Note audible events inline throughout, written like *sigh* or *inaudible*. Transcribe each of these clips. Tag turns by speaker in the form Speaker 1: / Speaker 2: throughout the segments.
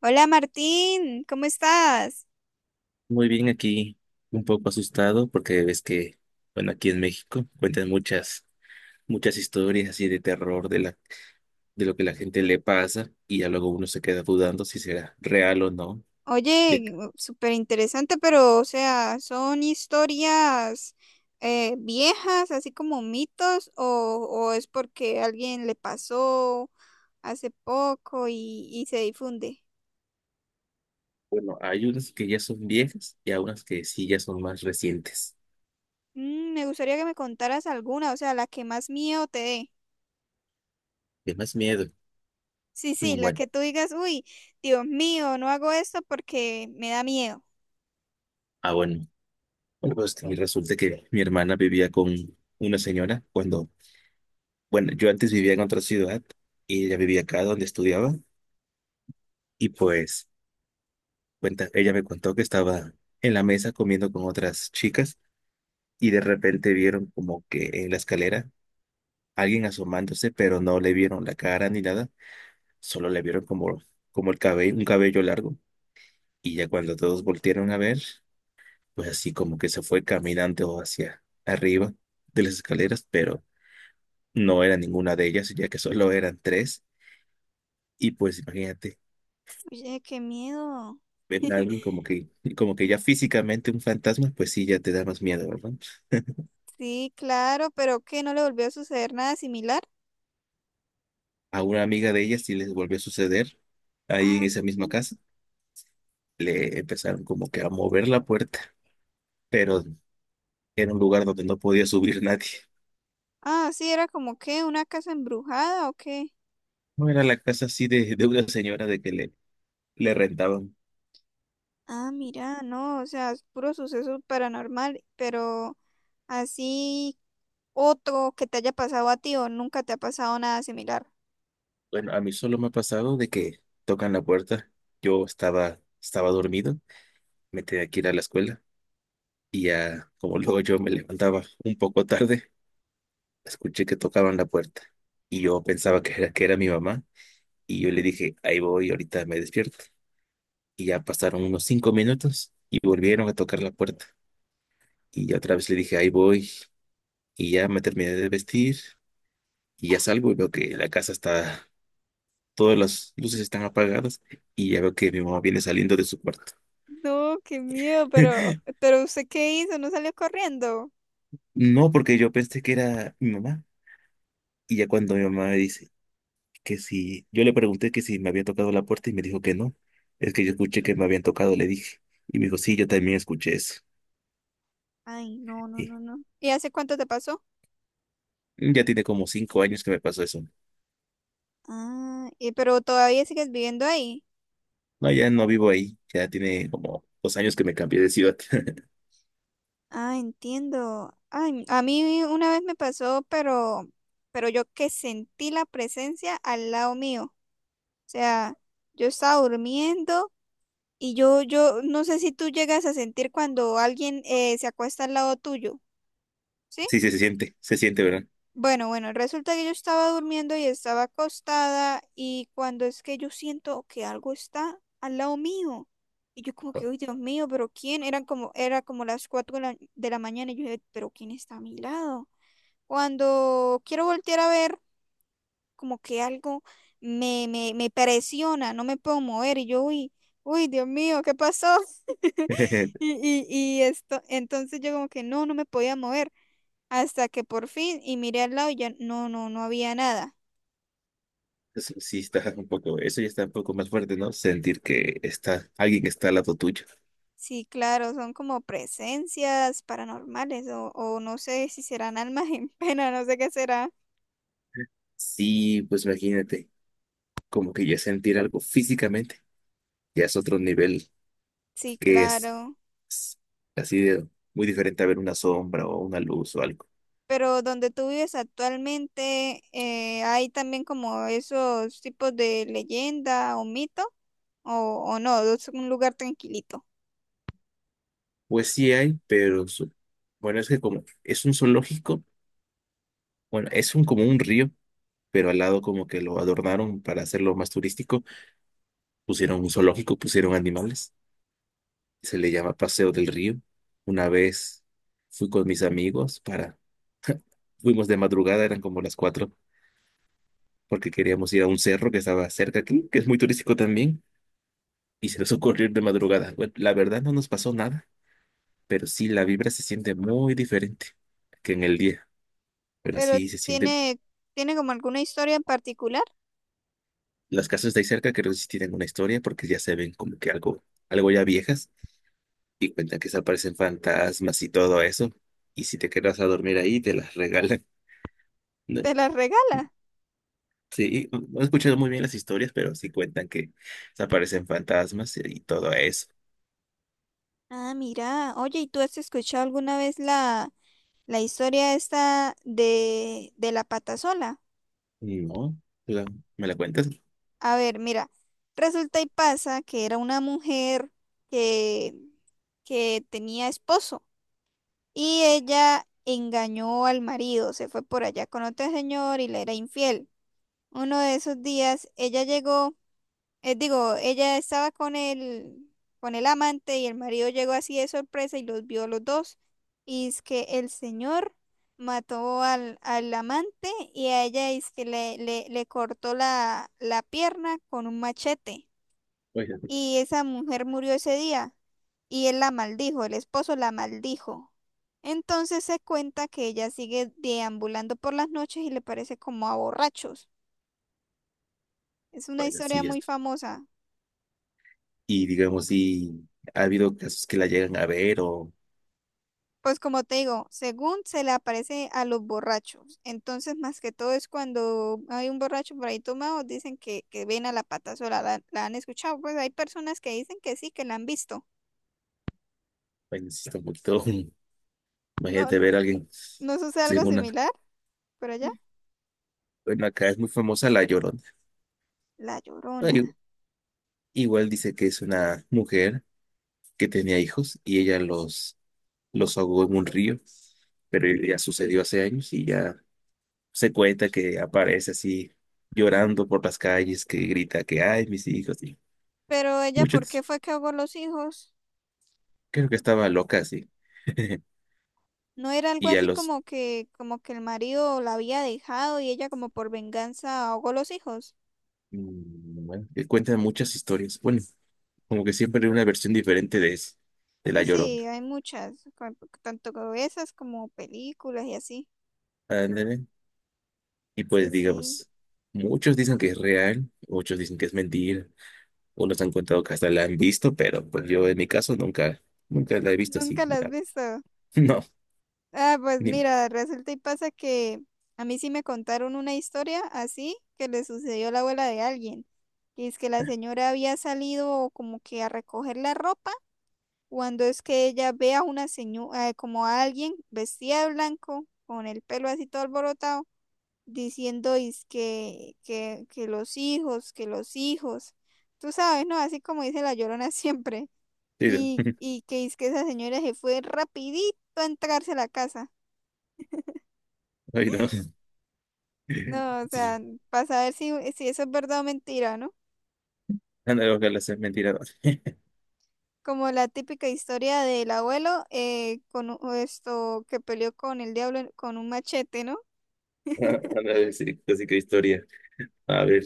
Speaker 1: Hola Martín, ¿cómo estás?
Speaker 2: Muy bien, aquí un poco asustado porque ves que, bueno, aquí en México cuentan muchas historias así de terror de lo que la gente le pasa y ya luego uno se queda dudando si será real o no. Ya que,
Speaker 1: Oye, súper interesante, pero o sea, ¿son historias viejas, así como mitos, o es porque alguien le pasó hace poco y se difunde?
Speaker 2: bueno, hay unas que ya son viejas y hay unas que sí ya son más recientes.
Speaker 1: Mm, me gustaría que me contaras alguna, o sea, la que más miedo te dé.
Speaker 2: De más miedo.
Speaker 1: Sí, sí, la
Speaker 2: Bueno,
Speaker 1: que tú digas, uy, Dios mío, no hago esto porque me da miedo.
Speaker 2: ah, bueno. Bueno, pues que resulta que mi hermana vivía con una señora cuando, bueno, yo antes vivía en otra ciudad y ella vivía acá donde estudiaba y pues cuenta, ella me contó que estaba en la mesa comiendo con otras chicas y de repente vieron como que en la escalera alguien asomándose, pero no le vieron la cara ni nada, solo le vieron como, como el cabello, un cabello largo. Y ya cuando todos voltearon a ver, pues así como que se fue caminando hacia arriba de las escaleras, pero no era ninguna de ellas, ya que solo eran tres. Y pues imagínate,
Speaker 1: Oye, qué miedo.
Speaker 2: ver a
Speaker 1: *laughs*
Speaker 2: alguien como que ya físicamente un fantasma, pues sí, ya te da más miedo, ¿verdad?
Speaker 1: Sí, claro, pero qué no le volvió a suceder nada similar.
Speaker 2: A una amiga de ella sí les volvió a suceder ahí en
Speaker 1: Ah,
Speaker 2: esa misma casa. Le empezaron como que a mover la puerta, pero era un lugar donde no podía subir nadie.
Speaker 1: ah, sí, era como que una casa embrujada o qué.
Speaker 2: No era la casa así de una señora de que le rentaban.
Speaker 1: Ah, mira, no, o sea, es puro suceso paranormal, pero así otro que te haya pasado a ti o nunca te ha pasado nada similar.
Speaker 2: Bueno, a mí solo me ha pasado de que tocan la puerta. Yo estaba dormido, me tenía que ir a la escuela y ya como *laughs* luego yo me levantaba un poco tarde, escuché que tocaban la puerta y yo pensaba que era mi mamá y yo le dije, ahí voy, ahorita me despierto. Y ya pasaron unos 5 minutos y volvieron a tocar la puerta. Y ya otra vez le dije, ahí voy. Y ya me terminé de vestir y ya salgo y veo que la casa está, todas las luces están apagadas y ya veo que mi mamá viene saliendo de su cuarto.
Speaker 1: No, qué miedo,
Speaker 2: *laughs*
Speaker 1: pero ¿usted qué hizo? ¿No salió corriendo?
Speaker 2: No, porque yo pensé que era mi mamá. Y ya cuando mi mamá me dice que si, yo le pregunté que si me había tocado la puerta y me dijo que no. Es que yo escuché que me habían tocado, le dije. Y me dijo, sí, yo también escuché eso.
Speaker 1: Ay, no, no,
Speaker 2: Y
Speaker 1: no, no. ¿Y hace cuánto te pasó?
Speaker 2: ya tiene como 5 años que me pasó eso.
Speaker 1: Ah, ¿y pero todavía sigues viviendo ahí?
Speaker 2: No, ya no vivo ahí. Ya tiene como 2 años que me cambié de ciudad. *laughs*
Speaker 1: Ah, entiendo. Ay, a mí una vez me pasó, pero yo que sentí la presencia al lado mío. O sea, yo estaba durmiendo y yo, no sé si tú llegas a sentir cuando alguien se acuesta al lado tuyo, ¿sí?
Speaker 2: Sí, sí, se siente, ¿verdad?
Speaker 1: Bueno, bueno, resulta que yo estaba durmiendo y estaba acostada y cuando es que yo siento que algo está al lado mío. Y yo como que, uy, Dios mío, pero ¿quién? Eran como, era como las cuatro de de la mañana y yo dije, pero ¿quién está a mi lado? Cuando quiero voltear a ver, como que algo me presiona, no me puedo mover y yo, uy, uy, Dios mío, ¿qué pasó? *laughs*
Speaker 2: *laughs*
Speaker 1: Y, y, y esto, entonces yo como que no, no me podía mover hasta que por fin y miré al lado y ya no, no había nada.
Speaker 2: Eso sí está un poco, eso ya está un poco más fuerte, ¿no? Sentir que está alguien que está al lado tuyo.
Speaker 1: Sí, claro, son como presencias paranormales o no sé si serán almas *laughs* en pena, no sé qué será.
Speaker 2: Sí, pues imagínate, como que ya sentir algo físicamente, ya es otro nivel
Speaker 1: Sí,
Speaker 2: que
Speaker 1: claro.
Speaker 2: es así de muy diferente a ver una sombra o una luz o algo.
Speaker 1: Pero donde tú vives actualmente, ¿hay también como esos tipos de leyenda o mito? ¿O, o no? Es un lugar tranquilito.
Speaker 2: Pues sí hay, pero bueno, es que como es un zoológico, bueno, es un como un río pero al lado como que lo adornaron para hacerlo más turístico, pusieron un zoológico, pusieron animales, se le llama Paseo del Río. Una vez fui con mis amigos fuimos de madrugada, eran como las cuatro, porque queríamos ir a un cerro que estaba cerca aquí, que es muy turístico también, y se nos ocurrió ir de madrugada. Bueno, la verdad no nos pasó nada, pero sí la vibra se siente muy diferente que en el día, pero
Speaker 1: Pero
Speaker 2: así se siente.
Speaker 1: tiene, tiene como alguna historia en particular.
Speaker 2: Las casas de ahí cerca creo que sí tienen una historia porque ya se ven como que algo, algo ya viejas y cuentan que se aparecen fantasmas y todo eso. Y si te quedas a dormir ahí, te las regalan, ¿no?
Speaker 1: Te la regala.
Speaker 2: Sí, no he escuchado muy bien las historias, pero sí cuentan que se aparecen fantasmas y todo eso.
Speaker 1: Ah, mira. Oye, ¿y tú has escuchado alguna vez la historia esta de la patasola?
Speaker 2: No, la- ¿me la cuentas?
Speaker 1: A ver, mira. Resulta y pasa que era una mujer que, que tenía esposo. Y ella engañó al marido, se fue por allá con otro señor y le era infiel. Uno de esos días ella llegó, digo, ella estaba con con el amante y el marido llegó así de sorpresa y los vio a los dos. Y es que el señor mató al amante y a ella es que le cortó la pierna con un machete.
Speaker 2: Oiga,
Speaker 1: Y esa mujer murió ese día y él la maldijo, el esposo la maldijo. Entonces se cuenta que ella sigue deambulando por las noches y le parece como a borrachos. Es una
Speaker 2: oiga,
Speaker 1: historia
Speaker 2: sí,
Speaker 1: muy
Speaker 2: esto.
Speaker 1: famosa.
Speaker 2: Y digamos, si ha habido casos que la llegan a ver o,
Speaker 1: Pues como te digo, según se le aparece a los borrachos. Entonces, más que todo es cuando hay un borracho por ahí tomado, dicen que ven a la pata sola. La han escuchado. Pues hay personas que dicen que sí, que la han visto. *laughs*
Speaker 2: bueno, sí está un poquito, *laughs*
Speaker 1: No,
Speaker 2: imagínate
Speaker 1: no,
Speaker 2: ver a alguien
Speaker 1: no sucede algo
Speaker 2: sin una,
Speaker 1: similar, pero allá,
Speaker 2: bueno, acá es muy famosa la Llorona.
Speaker 1: la llorona.
Speaker 2: Bueno, igual dice que es una mujer que tenía hijos y ella los ahogó en un río, pero ya sucedió hace años y ya se cuenta que aparece así llorando por las calles, que grita que ay, mis hijos, y
Speaker 1: Pero ella, ¿por qué
Speaker 2: muchos,
Speaker 1: fue que ahogó los hijos?
Speaker 2: creo que estaba loca así. *laughs*
Speaker 1: No era algo
Speaker 2: Y a
Speaker 1: así
Speaker 2: los,
Speaker 1: como que el marido la había dejado y ella como por venganza ahogó los hijos.
Speaker 2: mm, bueno, que cuentan muchas historias, bueno, como que siempre hay una versión diferente de eso, de La
Speaker 1: Sí,
Speaker 2: Llorona.
Speaker 1: sí, hay muchas, tanto como esas como películas y así.
Speaker 2: Ándale. Y
Speaker 1: Sí,
Speaker 2: pues
Speaker 1: sí,
Speaker 2: digamos, muchos dicen que es real, muchos dicen que es mentira, unos han contado que hasta la han visto, pero pues yo en mi caso nunca, nunca la he visto
Speaker 1: nunca
Speaker 2: así.
Speaker 1: las has visto.
Speaker 2: *laughs* No.
Speaker 1: Ah, pues
Speaker 2: Dime,
Speaker 1: mira, resulta y pasa que a mí sí me contaron una historia así que le sucedió a la abuela de alguien. Y es que la señora había salido como que a recoger la ropa cuando es que ella ve a una señora, como a alguien vestida de blanco, con el pelo así todo alborotado, diciendo es que, que los hijos, tú sabes, ¿no? Así como dice la Llorona *laughs* siempre,
Speaker 2: sí, dime,
Speaker 1: y que es que esa señora se fue rapidito a entrarse a la casa.
Speaker 2: ay, no.
Speaker 1: No, o
Speaker 2: Sí,
Speaker 1: sea, para saber si, si eso es verdad o mentira, ¿no?
Speaker 2: anda, ojalá sea mentira. *laughs*
Speaker 1: Como la típica historia del abuelo con esto que peleó con el diablo con un machete, ¿no?
Speaker 2: Anda a decir casi que historia. A ver,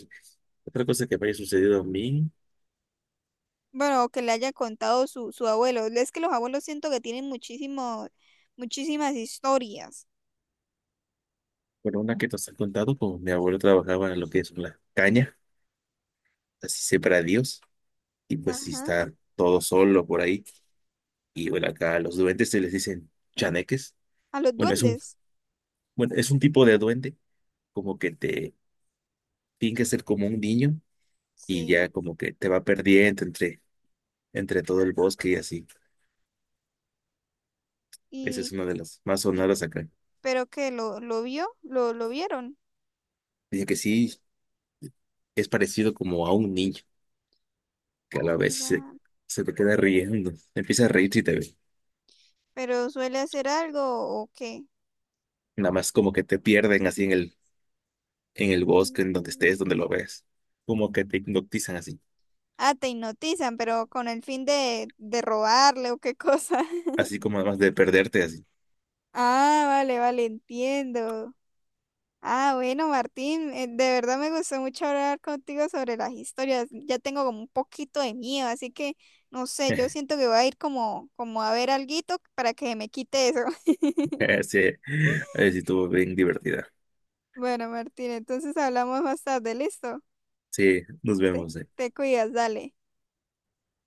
Speaker 2: otra cosa que me haya sucedido a mí,
Speaker 1: Bueno, o que le haya contado su abuelo. Es que los abuelos siento que tienen muchísimo, muchísimas historias.
Speaker 2: bueno, una que nos han contado, como mi abuelo trabajaba en lo que es la caña, así separa y pues si
Speaker 1: Ajá.
Speaker 2: está todo solo por ahí, y bueno, acá a los duendes se les dicen chaneques.
Speaker 1: A los
Speaker 2: Bueno, es un,
Speaker 1: duendes.
Speaker 2: bueno, es un tipo de duende, como que te finge ser como un niño, y ya
Speaker 1: Sí.
Speaker 2: como que te va perdiendo entre todo el bosque y así. Esa es
Speaker 1: Y,
Speaker 2: una de las más
Speaker 1: y
Speaker 2: sonadas acá.
Speaker 1: pero que lo vio, lo vieron.
Speaker 2: Dice que sí, es parecido como a un niño, que a la
Speaker 1: Ah,
Speaker 2: vez se,
Speaker 1: mira.
Speaker 2: se te queda riendo. Empieza a reírse y te ve.
Speaker 1: Pero suele hacer algo o qué.
Speaker 2: Nada más como que te pierden así en el bosque, en donde estés,
Speaker 1: Mm.
Speaker 2: donde lo ves. Como que te hipnotizan así.
Speaker 1: Ah, te hipnotizan, pero con el fin de robarle o qué cosa. *laughs*
Speaker 2: Así como además de perderte así.
Speaker 1: Ah, vale, vale, entiendo. Ah, bueno, Martín, de verdad me gustó mucho hablar contigo sobre las historias. Ya tengo como un poquito de miedo, así que no sé, yo
Speaker 2: *laughs*
Speaker 1: siento que voy a ir como, como a ver alguito para que me quite eso. *laughs*
Speaker 2: Sí, así estuvo bien divertida.
Speaker 1: Bueno, Martín, entonces hablamos más tarde, ¿listo?
Speaker 2: Sí, nos
Speaker 1: Te,
Speaker 2: vemos, ¿eh?
Speaker 1: te cuidas, dale.